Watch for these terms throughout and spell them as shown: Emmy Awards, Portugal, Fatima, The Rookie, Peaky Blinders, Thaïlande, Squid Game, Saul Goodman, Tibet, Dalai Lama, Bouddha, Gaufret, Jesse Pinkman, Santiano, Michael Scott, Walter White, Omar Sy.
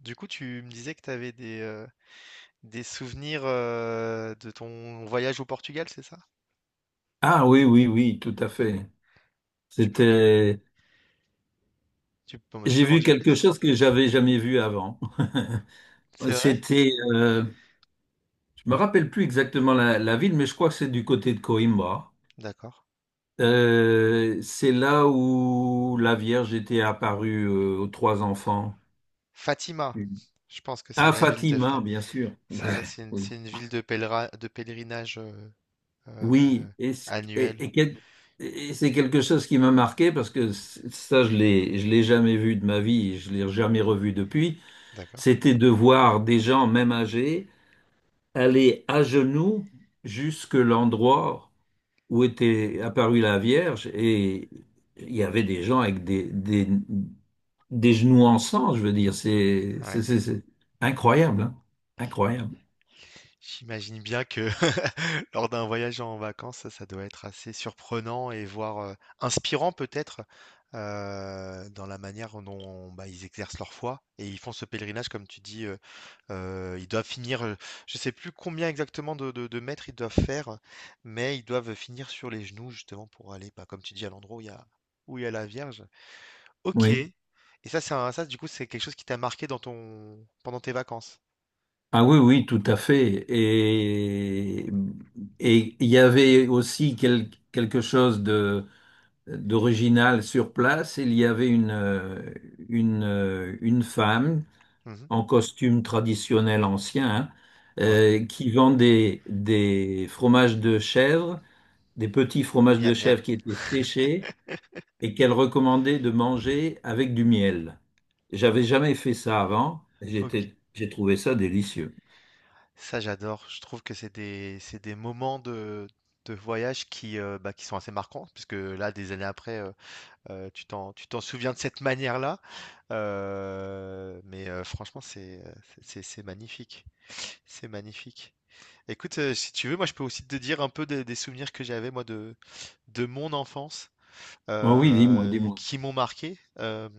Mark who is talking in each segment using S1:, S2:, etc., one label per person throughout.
S1: Du coup, tu me disais que tu avais des souvenirs de ton voyage au Portugal, c'est ça?
S2: Ah oui, oui, oui, tout à fait.
S1: Tu peux,
S2: C'était,
S1: tu
S2: j'ai
S1: peux m'en
S2: vu
S1: dire
S2: quelque
S1: plus?
S2: chose que j'avais jamais vu avant.
S1: C'est vrai?
S2: C'était, euh, je me rappelle plus exactement la ville, mais je crois que c'est du côté de Coimbra.
S1: D'accord.
S2: C'est là où la Vierge était apparue aux trois enfants.
S1: Fatima, je pense que c'est
S2: Ah,
S1: la ville de
S2: Fatima, bien sûr.
S1: C'est ça,
S2: Ouais, oui.
S1: c'est une ville de de pèlerinage euh,
S2: Oui, et, c- et-
S1: annuel.
S2: et quel- et c'est quelque chose qui m'a marqué parce que ça, je l'ai jamais vu de ma vie, je l'ai jamais revu depuis.
S1: D'accord.
S2: C'était de voir des gens, même âgés, aller à genoux jusque l'endroit où était apparue la Vierge, et il y avait des gens avec des genoux en sang, je veux dire. C'est c'est-
S1: Ouais.
S2: c'est- c'est incroyable, hein. Incroyable.
S1: J'imagine bien que lors d'un voyage en vacances, ça doit être assez surprenant et voire inspirant peut-être dans la manière dont bah, ils exercent leur foi et ils font ce pèlerinage, comme tu dis, ils doivent finir, je sais plus combien exactement de mètres ils doivent faire, mais ils doivent finir sur les genoux justement pour aller, bah, comme tu dis, à l'endroit où il y a, où il y a la Vierge. Ok.
S2: Oui.
S1: Et ça, du coup, c'est quelque chose qui t'a marqué dans ton pendant tes vacances.
S2: Ah oui, oui, tout à fait. Et il y avait aussi quelque chose d'original sur place. Il y avait une femme
S1: Mhm.
S2: en costume traditionnel ancien, hein,
S1: Ouais.
S2: qui vendait des fromages de chèvre, des petits fromages de
S1: Miam
S2: chèvre
S1: miam.
S2: qui étaient séchés et qu'elle recommandait de manger avec du miel. J'avais jamais fait ça avant. J'ai trouvé ça délicieux.
S1: Ça, j'adore. Je trouve que c'est des moments de voyage qui, bah, qui sont assez marquants, puisque là, des années après, tu tu t'en souviens de cette manière-là. Mais franchement, c'est magnifique. C'est magnifique. Écoute, si tu veux, moi, je peux aussi te dire un peu des souvenirs que j'avais, moi, de mon enfance
S2: Oh oui, dis-moi, dis-moi.
S1: qui m'ont marqué.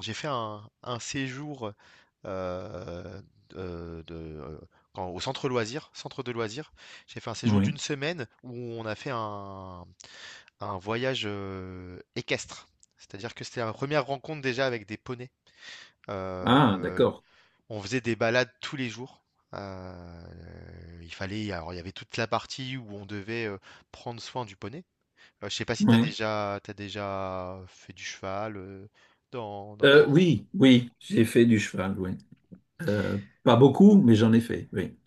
S1: J'ai fait un séjour euh, de- de- euh, au centre loisirs, centre de loisirs. J'ai fait un séjour d'une
S2: Oui.
S1: semaine où on a fait un voyage équestre. C'est-à-dire que c'était la première rencontre déjà avec des poneys.
S2: Ah,
S1: Euh,
S2: d'accord.
S1: on faisait des balades tous les jours. Euh, il fallait, alors il y avait toute la partie où on devait prendre soin du poney. Je sais pas si
S2: Oui.
S1: t'as déjà fait du cheval dans, dans ta vie.
S2: Oui, oui, j'ai fait du cheval, oui. Euh, Pas beaucoup, mais j'en ai fait, oui.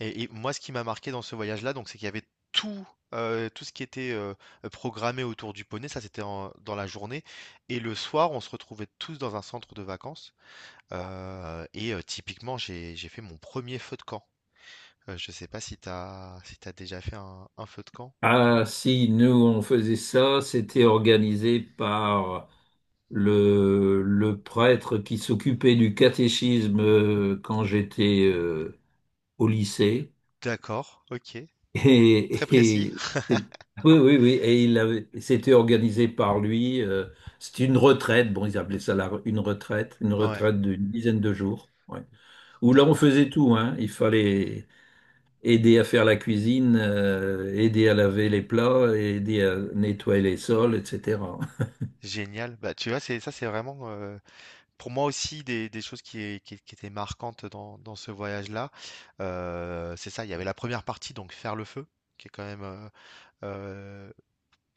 S1: Et moi, ce qui m'a marqué dans ce voyage-là, donc, c'est qu'il y avait tout, tout ce qui était programmé autour du poney. Ça, dans la journée. Et le soir, on se retrouvait tous dans un centre de vacances. Et typiquement, j'ai fait mon premier feu de camp. Je sais pas si si t'as déjà fait un feu de camp.
S2: Ah, si, nous, on faisait ça, c'était organisé par le prêtre qui s'occupait du catéchisme quand j'étais au lycée.
S1: D'accord, ok. Très
S2: Et,
S1: précis.
S2: et- et- oui, oui, oui, c'était organisé par lui. C'était une retraite, bon, ils appelaient ça une retraite, une
S1: Ouais,
S2: retraite d'une dizaine de jours. Ouais. Où là, on
S1: d'accord.
S2: faisait tout, hein. Il fallait aider à faire la cuisine, aider à laver les plats, aider à nettoyer les sols, etc.
S1: Génial. Bah, tu vois, c'est ça, c'est vraiment. Pour moi aussi, des choses qui, qui étaient marquantes dans, dans ce voyage-là, c'est ça, il y avait la première partie, donc faire le feu, qui est quand même... euh,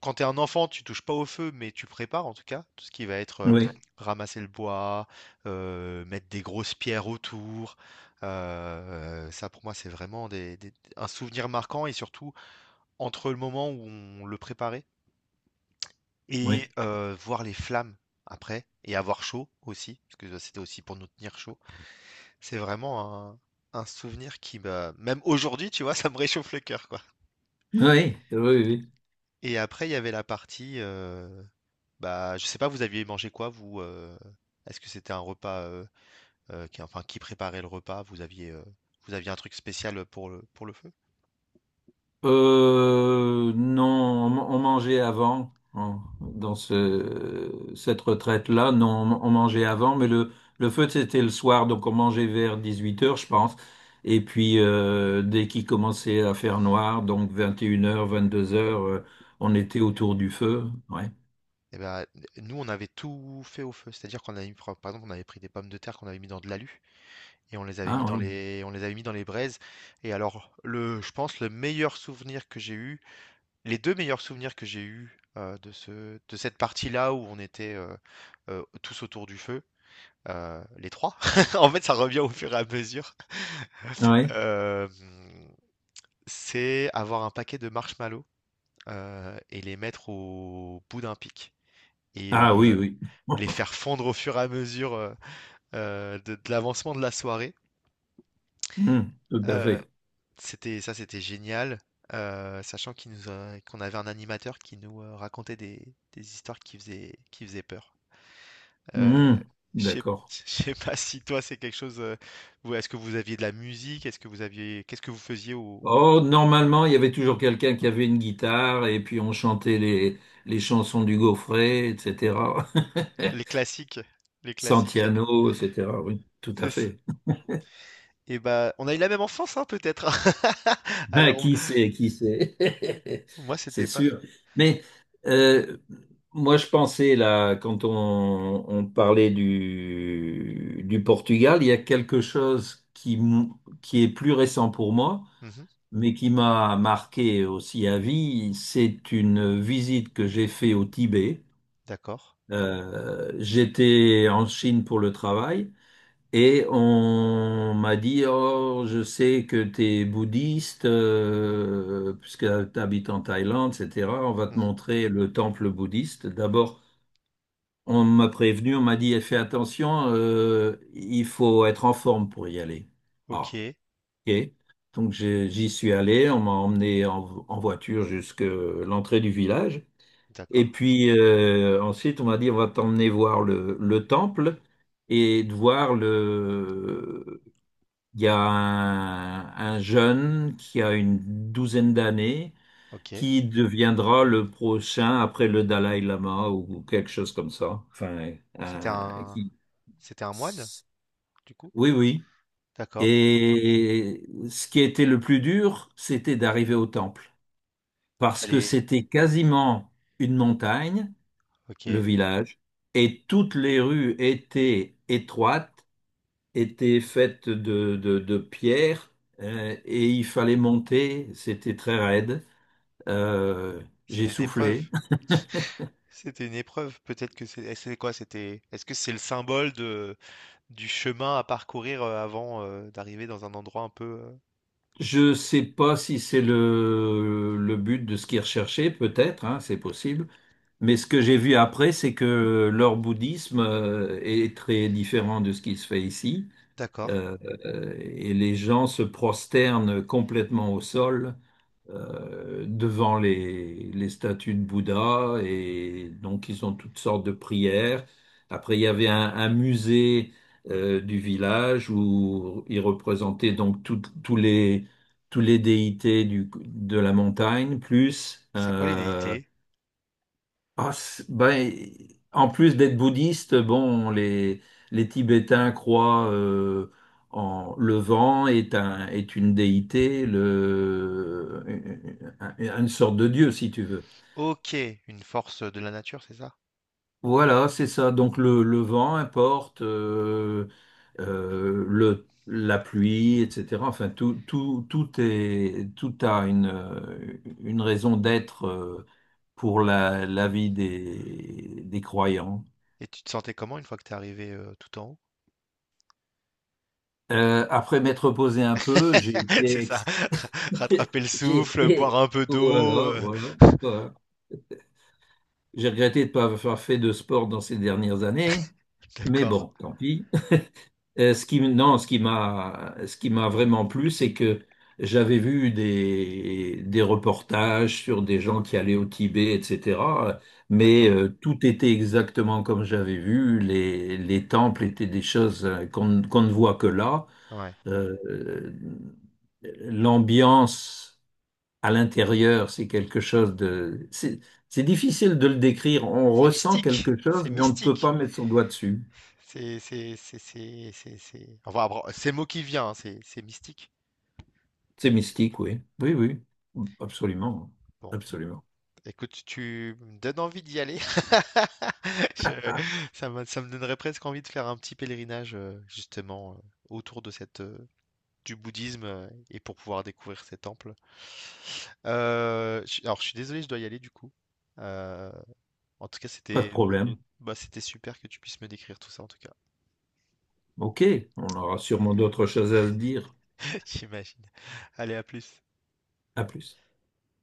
S1: quand tu es un enfant, tu touches pas au feu, mais tu prépares en tout cas, tout ce qui va être
S2: Oui,
S1: ramasser le bois, mettre des grosses pierres autour. Ça, pour moi, c'est vraiment un souvenir marquant, et surtout entre le moment où on le préparait
S2: oui,
S1: et voir les flammes après, et avoir chaud aussi, parce que c'était aussi pour nous tenir chaud. C'est vraiment un souvenir qui m'a même aujourd'hui, tu vois, ça me réchauffe le cœur, quoi.
S2: oui, oui, oui.
S1: Et après, il y avait la partie, bah, je sais pas, vous aviez mangé quoi, vous, heu? Est-ce que c'était un repas, qui enfin, qui préparait le repas? Vous aviez un truc spécial, pour le feu?
S2: Non, on mangeait avant, hein, dans cette retraite-là. Non, on mangeait avant, mais le feu, c'était le soir, donc on mangeait vers 18 heures, je pense. Et puis, dès qu'il commençait à faire noir, donc 21 h, 22 heures, on était autour du feu. Ouais.
S1: Et bah, nous, on avait tout fait au feu. C'est-à-dire qu'on avait mis par exemple, on avait pris des pommes de terre qu'on avait mis dans de l'alu et on les avait mis
S2: Ah
S1: dans
S2: oui.
S1: les on les avait mis dans les braises et alors le je pense le meilleur souvenir que j'ai eu, les 2 meilleurs souvenirs que j'ai eus, de ce de cette partie-là où on était, tous autour du feu, les 3. En fait, ça revient au fur et à mesure,
S2: Ah ouais.
S1: hem, c'est avoir un paquet de marshmallows, et les mettre au bout d'un pic et
S2: Ah oui, oui.
S1: les faire fondre au fur et à mesure, de l'avancement de la soirée,
S2: Hmm, tout à
S1: heu,
S2: fait.
S1: c'était ça, c'était génial, sachant qu'il nous a qu'on avait un animateur qui nous, racontait des histoires qui faisaient peur. Euh,
S2: Hmm,
S1: je sais
S2: d'accord.
S1: je sais pas si toi c'est quelque chose. Est-ce que vous aviez de la musique? Est-ce que vous aviez, qu'est-ce que vous faisiez
S2: Oh, normalement, il y avait toujours quelqu'un qui avait une guitare et puis on chantait les chansons du Gaufret, etc.
S1: les classiques, les classiques.
S2: Santiano, etc. Oui, tout à
S1: C'est ça.
S2: fait.
S1: Et bah, on a eu la même enfance, hein, peut-être.
S2: Ben
S1: Alors
S2: qui sait, qui sait.
S1: moi
S2: C'est
S1: c'était pas.
S2: sûr. Mais euh, moi, je pensais, là, quand on parlait du Portugal, il y a quelque chose qui est plus récent pour moi,
S1: Mhm,
S2: mais qui m'a marqué aussi à vie. C'est une visite que j'ai faite au Tibet.
S1: d'accord.
S2: J'étais en Chine pour le travail. Et on m'a dit, oh, je sais que tu es bouddhiste, puisque tu habites en Thaïlande, etc. On va te
S1: Mhm.
S2: montrer le temple bouddhiste. D'abord, on m'a prévenu, on m'a dit, eh, fais attention, il faut être en forme pour y aller. Ah,
S1: Ok,
S2: ok. Donc j'y suis allé, on m'a emmené en voiture jusqu'à l'entrée du village. Et
S1: d'accord.
S2: puis ensuite, on m'a dit, on va t'emmener voir le temple, et de voir il y a un jeune qui a une douzaine d'années
S1: Ok.
S2: qui deviendra le prochain après le Dalai Lama ou quelque chose comme ça. Enfin,
S1: C'était
S2: un-
S1: un,
S2: qui...
S1: c'était un moine, du coup.
S2: Oui, oui.
S1: D'accord.
S2: Et ce qui était le plus dur, c'était d'arriver au temple
S1: Il
S2: parce que
S1: fallait.
S2: c'était quasiment une montagne,
S1: Ok.
S2: le village, et toutes les rues étaient étroites, était faite de pierre, et il fallait monter, c'était très raide. Euh, j'ai
S1: C'était une épreuve.
S2: soufflé.
S1: C'était une épreuve, peut-être que c'est quoi? C'était, est-ce que c'est le symbole de, du chemin à parcourir avant d'arriver dans un endroit un peu.
S2: Je sais pas si c'est le but de ce qu'ils recherchaient, peut-être, hein, c'est possible. Mais ce que j'ai vu après, c'est que leur bouddhisme est très différent de ce qui se fait ici.
S1: D'accord.
S2: Euh, et les gens se prosternent complètement au sol, devant les statues de Bouddha, et donc ils ont toutes sortes de prières. Après, il y avait un musée, du village où ils représentaient donc tous les déités de la montagne, plus
S1: C'est quoi les déités?
S2: ah, ben, en plus d'être bouddhiste, bon, les Tibétains croient en, le vent est un, est une déité, un- une sorte de dieu, si tu veux.
S1: Ok, une force de la nature, c'est ça?
S2: Voilà, c'est ça. Donc le vent importe, la pluie, etc. Enfin, tout a une raison d'être, pour la vie des croyants.
S1: Et tu te sentais comment une fois que t'es arrivé tout en haut?
S2: Après m'être reposé un peu, j'ai
S1: C'est
S2: été,
S1: ça.
S2: ex-
S1: Rattraper le
S2: j'ai
S1: souffle, boire
S2: été,
S1: un peu d'eau.
S2: voilà,
S1: euh,
S2: voilà, voilà. J'ai regretté de ne pas avoir fait de sport dans ces dernières années, mais
S1: D'accord.
S2: bon, tant pis. Non, ce qui m'a vraiment plu, c'est que j'avais vu des reportages sur des gens qui allaient au Tibet, etc. Mais
S1: D'accord.
S2: tout était exactement comme j'avais vu. Les temples étaient des choses, qu'on ne voit que là.
S1: Ouais.
S2: Euh, L'ambiance à l'intérieur, c'est quelque chose de... C'est difficile de le décrire. On
S1: C'est
S2: ressent
S1: mystique.
S2: quelque
S1: C'est
S2: chose, mais on ne peut pas
S1: mystique.
S2: mettre son doigt dessus.
S1: C'est, c'est. Enfin, c'est le mot qui vient, hein, c'est mystique.
S2: C'est mystique, oui. Oui, oui. Absolument.
S1: Bon.
S2: Absolument.
S1: Écoute, tu me donnes envie d'y aller. Je- ça me donnerait presque envie de faire un petit pèlerinage justement autour de cette du bouddhisme et pour pouvoir découvrir ces temples. Alors je suis désolé, je dois y aller du coup. Euh, en tout cas,
S2: Pas de
S1: c'était
S2: problème.
S1: bah, c'était super que tu puisses me décrire tout ça en tout cas.
S2: OK. On aura sûrement d'autres choses à se dire.
S1: J'imagine. Allez, à plus.
S2: À plus.